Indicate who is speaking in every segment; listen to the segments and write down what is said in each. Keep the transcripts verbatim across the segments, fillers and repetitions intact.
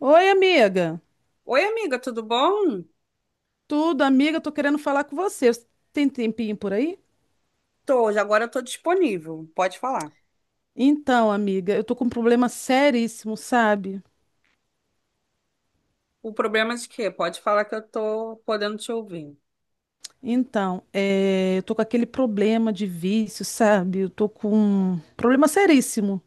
Speaker 1: Oi, amiga.
Speaker 2: Oi, amiga, tudo bom?
Speaker 1: Tudo, amiga, tô querendo falar com você. Você Tem tempinho por aí?
Speaker 2: Tô, já agora eu tô disponível, pode falar.
Speaker 1: Então, amiga, eu tô com um problema seríssimo, sabe?
Speaker 2: O problema é de quê? Pode falar que eu tô podendo te ouvir.
Speaker 1: Então, é, eu tô com aquele problema de vício, sabe? Eu tô com um problema seríssimo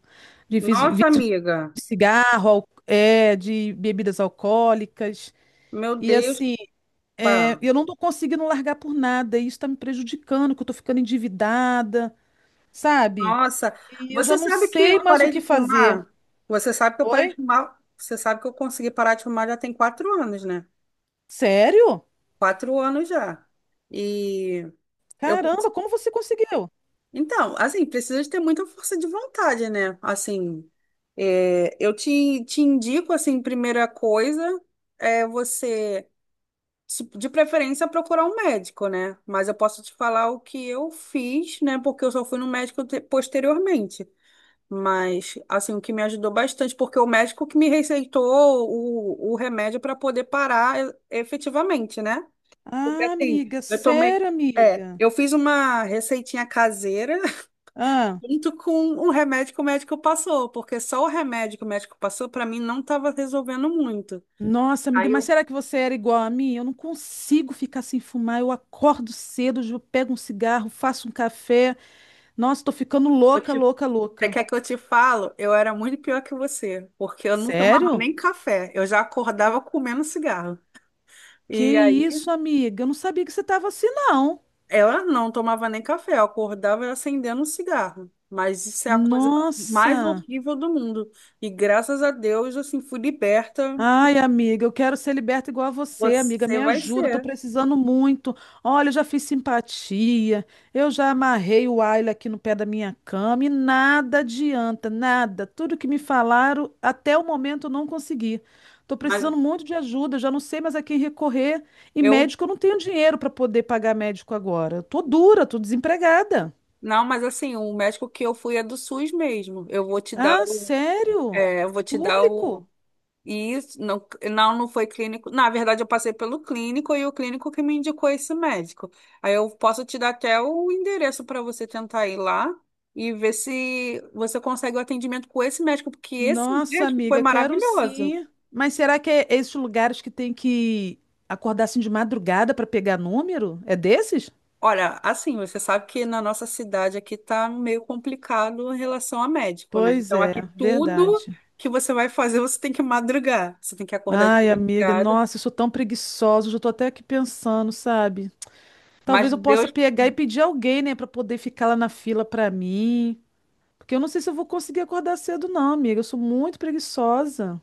Speaker 1: de vício,
Speaker 2: Nossa,
Speaker 1: vício
Speaker 2: amiga,
Speaker 1: de cigarro, al- é, de bebidas alcoólicas.
Speaker 2: meu
Speaker 1: E
Speaker 2: Deus,
Speaker 1: assim,
Speaker 2: pá.
Speaker 1: é, eu não tô conseguindo largar por nada. E isso tá me prejudicando, que eu tô ficando endividada, sabe?
Speaker 2: Nossa,
Speaker 1: E eu já
Speaker 2: você
Speaker 1: não
Speaker 2: sabe que
Speaker 1: sei
Speaker 2: eu
Speaker 1: mais o
Speaker 2: parei
Speaker 1: que
Speaker 2: de
Speaker 1: fazer.
Speaker 2: fumar? Você sabe que eu parei de
Speaker 1: Oi?
Speaker 2: fumar? Você sabe que eu consegui parar de fumar já tem quatro anos, né?
Speaker 1: Sério?
Speaker 2: Quatro anos já. E eu
Speaker 1: Caramba, como você conseguiu?
Speaker 2: Então, assim, precisa de ter muita força de vontade, né? Assim, é, eu te, te indico, assim, primeira coisa é você, se- de preferência, procurar um médico, né? Mas eu posso te falar o que eu fiz, né? Porque eu só fui no médico te- posteriormente. Mas, assim, o que me ajudou bastante, porque o médico que me receitou o, o remédio para poder parar e- efetivamente, né? Porque,
Speaker 1: Ah,
Speaker 2: assim,
Speaker 1: amiga,
Speaker 2: eu tomei.
Speaker 1: sério,
Speaker 2: É,
Speaker 1: amiga.
Speaker 2: eu fiz uma receitinha caseira
Speaker 1: Ah,
Speaker 2: junto com o remédio que o médico passou, porque só o remédio que o médico passou, para mim, não estava resolvendo muito.
Speaker 1: nossa, amiga,
Speaker 2: Aí
Speaker 1: mas
Speaker 2: eu,
Speaker 1: será que você era igual a mim? Eu não consigo ficar sem fumar. Eu acordo cedo, eu pego um cigarro, faço um café. Nossa, tô ficando
Speaker 2: eu
Speaker 1: louca,
Speaker 2: te-
Speaker 1: louca,
Speaker 2: você
Speaker 1: louca.
Speaker 2: quer que eu te falo? Eu era muito pior que você, porque eu não tomava
Speaker 1: Sério?
Speaker 2: nem café, eu já acordava comendo cigarro.
Speaker 1: Que
Speaker 2: E aí
Speaker 1: isso, amiga? Eu não sabia que você tava assim, não.
Speaker 2: ela não tomava nem café, eu acordava acendendo um cigarro. Mas isso é a coisa mais
Speaker 1: Nossa.
Speaker 2: horrível do mundo. E graças a Deus, assim, fui liberta.
Speaker 1: Ai, amiga, eu quero ser liberta igual a você, amiga.
Speaker 2: Você
Speaker 1: Me
Speaker 2: vai
Speaker 1: ajuda, tô
Speaker 2: ser.
Speaker 1: precisando muito. Olha, eu já fiz simpatia, eu já amarrei o Ayla aqui no pé da minha cama e nada adianta, nada. Tudo que me falaram, até o momento eu não consegui. Tô
Speaker 2: Mas
Speaker 1: precisando muito de ajuda, eu já não sei mais a quem recorrer. E
Speaker 2: eu
Speaker 1: médico, eu não tenho dinheiro para poder pagar médico agora. Eu tô dura, tô desempregada.
Speaker 2: Não, mas assim, o médico que eu fui é do SUS mesmo. Eu vou te dar
Speaker 1: Ah,
Speaker 2: o.
Speaker 1: sério?
Speaker 2: É, eu vou te dar
Speaker 1: Público?
Speaker 2: o. Isso, não, não, não foi clínico. Na verdade, eu passei pelo clínico e o clínico que me indicou esse médico. Aí eu posso te dar até o endereço para você tentar ir lá e ver se você consegue o atendimento com esse médico, porque esse
Speaker 1: Nossa,
Speaker 2: médico foi
Speaker 1: amiga, quero
Speaker 2: maravilhoso.
Speaker 1: sim. Mas será que é esses lugares que tem que acordar assim de madrugada para pegar número? É desses?
Speaker 2: Olha, assim, você sabe que na nossa cidade aqui tá meio complicado em relação a médico, né?
Speaker 1: Pois
Speaker 2: Então
Speaker 1: é,
Speaker 2: aqui tudo
Speaker 1: verdade.
Speaker 2: que você vai fazer, você tem que madrugar, você tem que acordar de
Speaker 1: Ai, amiga,
Speaker 2: madrugada.
Speaker 1: nossa, eu sou tão preguiçosa, já tô até aqui pensando, sabe?
Speaker 2: Mas
Speaker 1: Talvez eu possa
Speaker 2: Deus,
Speaker 1: pegar e pedir alguém, né, para poder ficar lá na fila para mim, porque eu não sei se eu vou conseguir acordar cedo não, amiga, eu sou muito preguiçosa.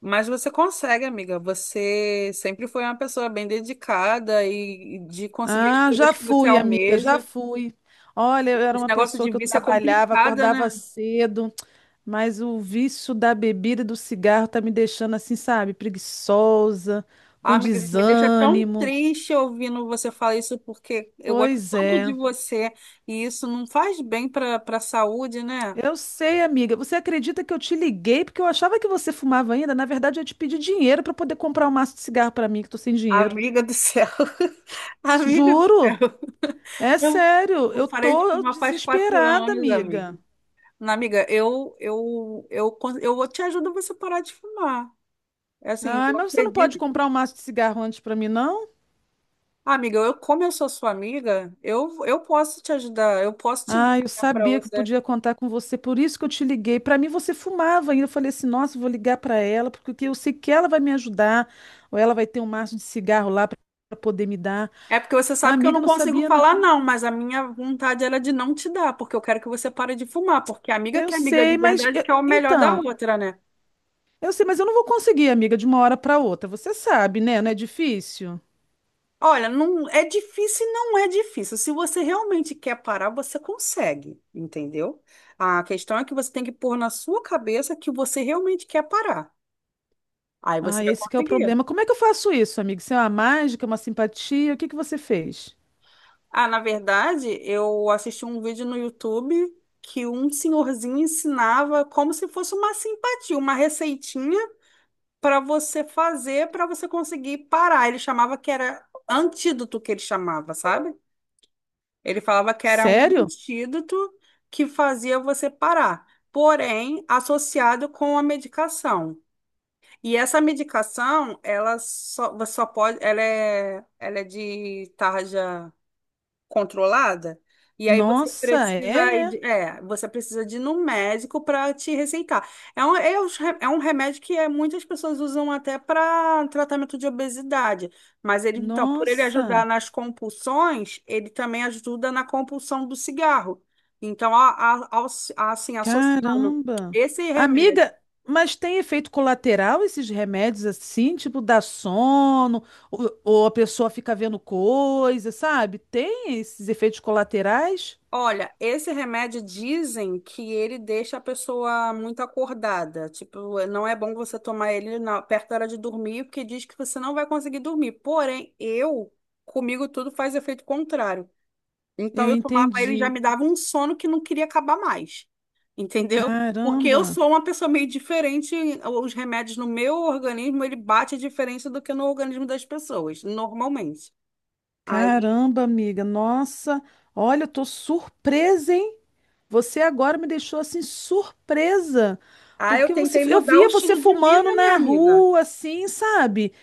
Speaker 2: mas você consegue, amiga. Você sempre foi uma pessoa bem dedicada e e de conseguir as
Speaker 1: Ah, já
Speaker 2: coisas que você
Speaker 1: fui, amiga, já
Speaker 2: almeja.
Speaker 1: fui. Olha, eu era
Speaker 2: Esse
Speaker 1: uma
Speaker 2: negócio
Speaker 1: pessoa
Speaker 2: de
Speaker 1: que eu
Speaker 2: vício é
Speaker 1: trabalhava,
Speaker 2: complicado, né?
Speaker 1: acordava cedo. Mas o vício da bebida e do cigarro tá me deixando assim, sabe, preguiçosa,
Speaker 2: Ah,
Speaker 1: com
Speaker 2: amiga, me deixa tão
Speaker 1: desânimo.
Speaker 2: triste ouvindo você falar isso porque eu gosto
Speaker 1: Pois
Speaker 2: tanto de
Speaker 1: é.
Speaker 2: você e isso não faz bem para para a saúde, né?
Speaker 1: Eu sei, amiga. Você acredita que eu te liguei porque eu achava que você fumava ainda? Na verdade, eu ia te pedi dinheiro para poder comprar um maço de cigarro para mim, que tô sem dinheiro.
Speaker 2: Amiga do céu. Amiga do céu.
Speaker 1: Juro? É
Speaker 2: Eu,
Speaker 1: sério.
Speaker 2: eu
Speaker 1: Eu
Speaker 2: parei de
Speaker 1: tô
Speaker 2: fumar faz quatro
Speaker 1: desesperada,
Speaker 2: anos, amiga.
Speaker 1: amiga.
Speaker 2: Não, amiga, eu, eu, eu, con- eu vou te ajudo você parar de fumar. É Assim,
Speaker 1: Ai,
Speaker 2: eu
Speaker 1: mas você não pode
Speaker 2: acredito.
Speaker 1: comprar um maço de cigarro antes para mim, não?
Speaker 2: Ah, Amiga, eu, como eu sou sua amiga, eu, eu posso te ajudar, eu posso te dar,
Speaker 1: Ah, eu
Speaker 2: né, para
Speaker 1: sabia que eu
Speaker 2: você.
Speaker 1: podia contar com você, por isso que eu te liguei. Para mim, você fumava ainda. Eu falei assim: nossa, eu vou ligar para ela, porque eu sei que ela vai me ajudar, ou ela vai ter um maço de cigarro lá para poder me dar.
Speaker 2: É porque você
Speaker 1: A
Speaker 2: sabe que eu
Speaker 1: amiga
Speaker 2: não
Speaker 1: eu não
Speaker 2: consigo
Speaker 1: sabia,
Speaker 2: falar
Speaker 1: não.
Speaker 2: não, mas a minha vontade era de não te dar, porque eu quero que você pare de fumar, porque amiga
Speaker 1: Eu
Speaker 2: que é amiga de
Speaker 1: sei, mas.
Speaker 2: verdade
Speaker 1: Eu-
Speaker 2: quer o melhor da
Speaker 1: Então,
Speaker 2: outra, né?
Speaker 1: eu sei, mas eu não vou conseguir, amiga, de uma hora para outra. Você sabe, né? Não é difícil?
Speaker 2: Olha, não é difícil, e não é difícil. Se você realmente quer parar, você consegue, entendeu? A questão é que você tem que pôr na sua cabeça que você realmente quer parar. Aí você
Speaker 1: Ah,
Speaker 2: vai
Speaker 1: esse que é o
Speaker 2: conseguir.
Speaker 1: problema. Como é que eu faço isso, amiga? Isso é uma mágica, uma simpatia? O que que você fez?
Speaker 2: Ah, na verdade, eu assisti um vídeo no YouTube que um senhorzinho ensinava como se fosse uma simpatia, uma receitinha para você fazer, para você conseguir parar. Ele chamava que era antídoto que ele chamava, sabe? Ele falava que era um
Speaker 1: Sério?
Speaker 2: antídoto que fazia você parar, porém associado com a medicação. E essa medicação, ela só, você só pode, ela é, ela é de tarja controlada. E aí você
Speaker 1: Nossa,
Speaker 2: precisa ir
Speaker 1: é?
Speaker 2: de, é, você precisa de ir no médico para te receitar. É um, é, os re- é um remédio que é, muitas pessoas usam até para tratamento de obesidade. Mas ele, então, por ele
Speaker 1: Nossa.
Speaker 2: ajudar nas compulsões, ele também ajuda na compulsão do cigarro. Então, a, a, ao- assim, associando
Speaker 1: Caramba!
Speaker 2: esse remédio
Speaker 1: Amiga, mas tem efeito colateral esses remédios assim? Tipo, dá sono, ou, ou a pessoa fica vendo coisa, sabe? Tem esses efeitos colaterais?
Speaker 2: Olha, esse remédio dizem que ele deixa a pessoa muito acordada. Tipo, não é bom você tomar ele na- perto da hora de dormir, porque diz que você não vai conseguir dormir. Porém, eu, comigo tudo faz efeito contrário. Então,
Speaker 1: Eu
Speaker 2: eu tomava ele e já
Speaker 1: entendi.
Speaker 2: me dava um sono que não queria acabar mais. Entendeu? Porque eu
Speaker 1: Caramba!
Speaker 2: sou uma pessoa meio diferente. Os remédios no meu organismo, ele bate a diferença do que no organismo das pessoas, normalmente. Aí,
Speaker 1: Caramba, amiga! Nossa! Olha, eu tô surpresa, hein? Você agora me deixou assim surpresa.
Speaker 2: aí eu
Speaker 1: Porque você,
Speaker 2: tentei
Speaker 1: eu
Speaker 2: mudar o
Speaker 1: via você
Speaker 2: estilo de
Speaker 1: fumando
Speaker 2: vida, minha
Speaker 1: na
Speaker 2: amiga.
Speaker 1: rua, assim, sabe?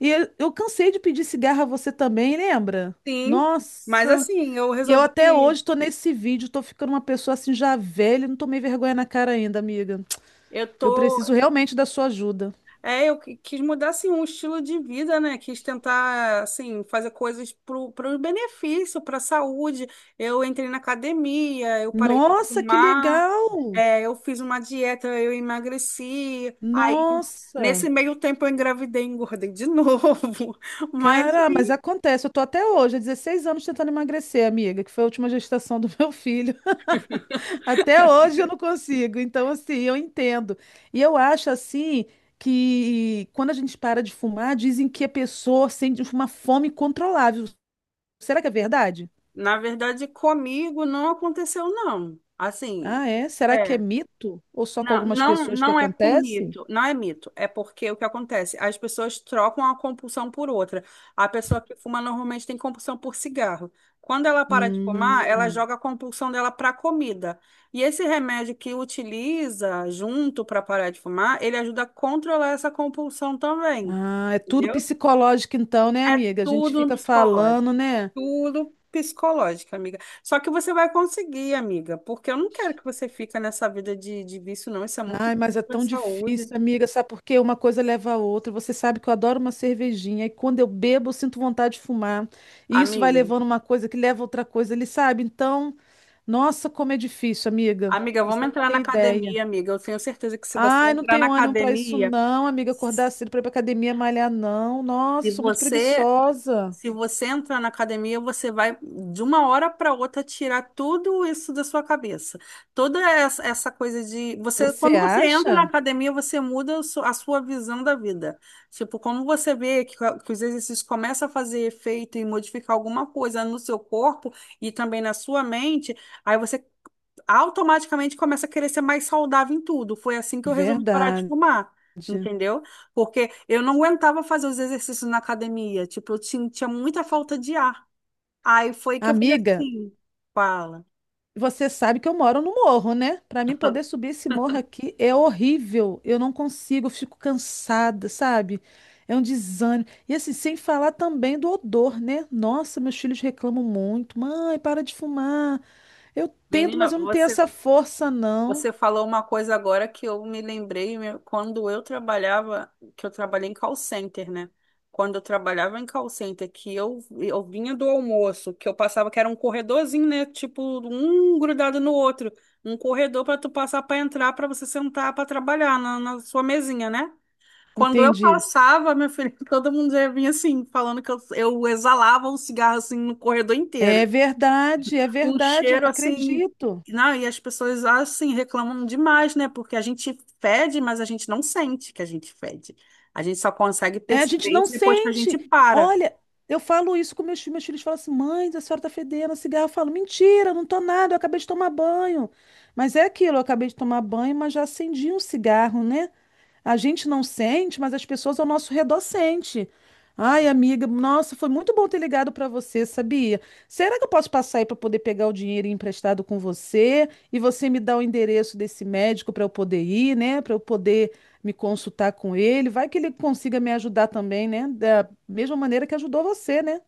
Speaker 1: E eu, eu cansei de pedir cigarro a você também, lembra?
Speaker 2: Sim, mas
Speaker 1: Nossa.
Speaker 2: assim, eu
Speaker 1: E eu até
Speaker 2: resolvi,
Speaker 1: hoje tô nesse vídeo, tô ficando uma pessoa assim já velha, e não tomei vergonha na cara ainda, amiga.
Speaker 2: eu
Speaker 1: Eu
Speaker 2: tô,
Speaker 1: preciso realmente da sua ajuda.
Speaker 2: é, eu qui- quis mudar assim um estilo de vida, né? Quis tentar assim fazer coisas pro, pro benefício, para saúde. Eu entrei na academia, eu parei de
Speaker 1: Nossa, que
Speaker 2: fumar,
Speaker 1: legal!
Speaker 2: é, eu fiz uma dieta, eu emagreci. Aí
Speaker 1: Nossa.
Speaker 2: nesse meio tempo eu engravidei, e engordei de novo. Mas
Speaker 1: Cara, mas
Speaker 2: assim,
Speaker 1: acontece, eu tô até hoje, há dezesseis anos tentando emagrecer, amiga, que foi a última gestação do meu filho. Até hoje eu não consigo. Então, assim, eu entendo. E eu acho, assim, que quando a gente para de fumar, dizem que a pessoa sente uma fome incontrolável. Será que é verdade?
Speaker 2: na verdade comigo não aconteceu não. Assim,
Speaker 1: Ah, é? Será que é
Speaker 2: é.
Speaker 1: mito? Ou só com
Speaker 2: Não,
Speaker 1: algumas
Speaker 2: não,
Speaker 1: pessoas que
Speaker 2: não é com
Speaker 1: acontece?
Speaker 2: mito, não é mito, é porque o que acontece? As pessoas trocam a compulsão por outra. A pessoa que fuma normalmente tem compulsão por cigarro. Quando ela para de fumar, ela
Speaker 1: Hum.
Speaker 2: joga a compulsão dela para comida. E esse remédio que utiliza junto para parar de fumar, ele ajuda a controlar essa compulsão também.
Speaker 1: Ah, é tudo
Speaker 2: Entendeu?
Speaker 1: psicológico, então, né,
Speaker 2: É
Speaker 1: amiga? A gente
Speaker 2: tudo no
Speaker 1: fica
Speaker 2: psicológico.
Speaker 1: falando, né?
Speaker 2: Tudo psicológico, amiga. Só que você vai conseguir, amiga, porque eu não quero que você fique nessa vida de, de vício, não. Isso é muito
Speaker 1: Ai, mas é
Speaker 2: para
Speaker 1: tão
Speaker 2: saúde.
Speaker 1: difícil, amiga, sabe por quê? Uma coisa leva a outra. Você sabe que eu adoro uma cervejinha e quando eu bebo, eu sinto vontade de fumar. E isso vai
Speaker 2: Amiga,
Speaker 1: levando uma coisa que leva a outra coisa, ele sabe? Então, nossa, como é difícil, amiga.
Speaker 2: amiga, vamos
Speaker 1: Você não
Speaker 2: entrar na
Speaker 1: tem ideia.
Speaker 2: academia, amiga. Eu tenho certeza que se você
Speaker 1: Ai, não
Speaker 2: entrar na
Speaker 1: tenho ânimo pra isso
Speaker 2: academia,
Speaker 1: não, amiga, acordar
Speaker 2: se
Speaker 1: cedo pra ir pra academia malhar não. Nossa, eu sou muito
Speaker 2: você
Speaker 1: preguiçosa.
Speaker 2: Se você entrar na academia, você vai de uma hora para outra tirar tudo isso da sua cabeça. Toda essa, essa coisa de você,
Speaker 1: Você
Speaker 2: quando você entra na
Speaker 1: acha?
Speaker 2: academia, você muda o su- a sua visão da vida. Tipo, como você vê que, que os exercícios começam a fazer efeito e modificar alguma coisa no seu corpo e também na sua mente, aí você automaticamente começa a querer ser mais saudável em tudo. Foi assim que eu resolvi parar de
Speaker 1: Verdade.
Speaker 2: fumar, entendeu? Porque eu não aguentava fazer os exercícios na academia, tipo, eu tinha, tinha muita falta de ar. Aí foi que eu falei
Speaker 1: Amiga,
Speaker 2: assim, fala,
Speaker 1: você sabe que eu moro no morro, né? Para mim poder subir esse morro aqui é horrível. Eu não consigo, eu fico cansada, sabe? É um desânimo. E assim, sem falar também do odor, né? Nossa, meus filhos reclamam muito. Mãe, para de fumar. Eu tento, mas
Speaker 2: menina,
Speaker 1: eu não tenho
Speaker 2: você
Speaker 1: essa força, não.
Speaker 2: Você falou uma coisa agora que eu me lembrei meu, quando eu trabalhava, que eu trabalhei em call center, né? Quando eu trabalhava em call center, que eu, eu vinha do almoço, que eu passava, que era um corredorzinho, né? Tipo, um grudado no outro. Um corredor para tu passar para entrar, para você sentar para trabalhar na, na sua mesinha, né? Quando eu
Speaker 1: Entendi.
Speaker 2: passava, meu filho, todo mundo já vinha assim, falando que eu, eu exalava um cigarro assim no corredor inteiro
Speaker 1: É verdade, é
Speaker 2: um
Speaker 1: verdade, eu
Speaker 2: cheiro assim.
Speaker 1: acredito.
Speaker 2: Não, e as pessoas assim reclamam demais, né? Porque a gente fede, mas a gente não sente que a gente fede. A gente só consegue
Speaker 1: É, a gente
Speaker 2: perceber
Speaker 1: não
Speaker 2: isso depois que a gente
Speaker 1: sente.
Speaker 2: para.
Speaker 1: Olha, eu falo isso com meus filhos. Meus filhos falam assim: mãe, a senhora tá fedendo a cigarro. Eu falo: mentira, não tô nada, eu acabei de tomar banho. Mas é aquilo, eu acabei de tomar banho, mas já acendi um cigarro, né? A gente não sente, mas as pessoas ao nosso redor sente. Ai, amiga, nossa, foi muito bom ter ligado para você, sabia? Será que eu posso passar aí para poder pegar o dinheiro emprestado com você e você me dá o endereço desse médico para eu poder ir, né? Para eu poder me consultar com ele. Vai que ele consiga me ajudar também, né? Da mesma maneira que ajudou você, né?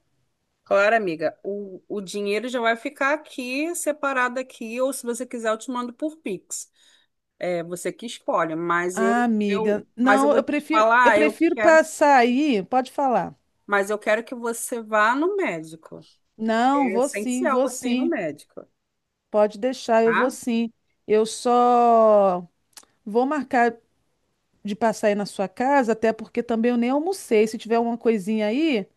Speaker 2: Claro, amiga, o, o dinheiro já vai ficar aqui, separado aqui, ou se você quiser, eu te mando por Pix. É você que escolhe, mas eu,
Speaker 1: Ah, amiga,
Speaker 2: eu, mas eu
Speaker 1: não,
Speaker 2: vou
Speaker 1: eu
Speaker 2: te
Speaker 1: prefiro, eu
Speaker 2: falar, eu
Speaker 1: prefiro
Speaker 2: quero,
Speaker 1: passar aí. Pode falar.
Speaker 2: mas eu quero que você vá no médico.
Speaker 1: Não,
Speaker 2: É
Speaker 1: vou sim,
Speaker 2: essencial
Speaker 1: vou
Speaker 2: você ir no
Speaker 1: sim.
Speaker 2: médico,
Speaker 1: Pode deixar, eu vou
Speaker 2: tá?
Speaker 1: sim. Eu só vou marcar de passar aí na sua casa, até porque também eu nem almocei. Se tiver uma coisinha aí,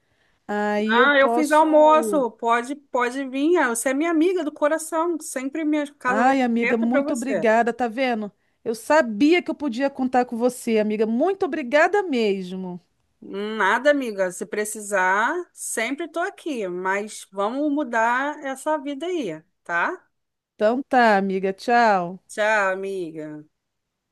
Speaker 1: aí eu
Speaker 2: Ah, eu fiz
Speaker 1: posso.
Speaker 2: almoço. Pode, pode vir. Ah, Você é minha amiga do coração. Sempre minha casa vai
Speaker 1: Ai,
Speaker 2: estar
Speaker 1: amiga,
Speaker 2: aberta para
Speaker 1: muito
Speaker 2: você.
Speaker 1: obrigada, tá vendo? Eu sabia que eu podia contar com você, amiga. Muito obrigada mesmo.
Speaker 2: Nada, amiga. Se precisar, sempre estou aqui. Mas vamos mudar essa vida aí, tá?
Speaker 1: Então tá, amiga, tchau.
Speaker 2: Tchau, amiga.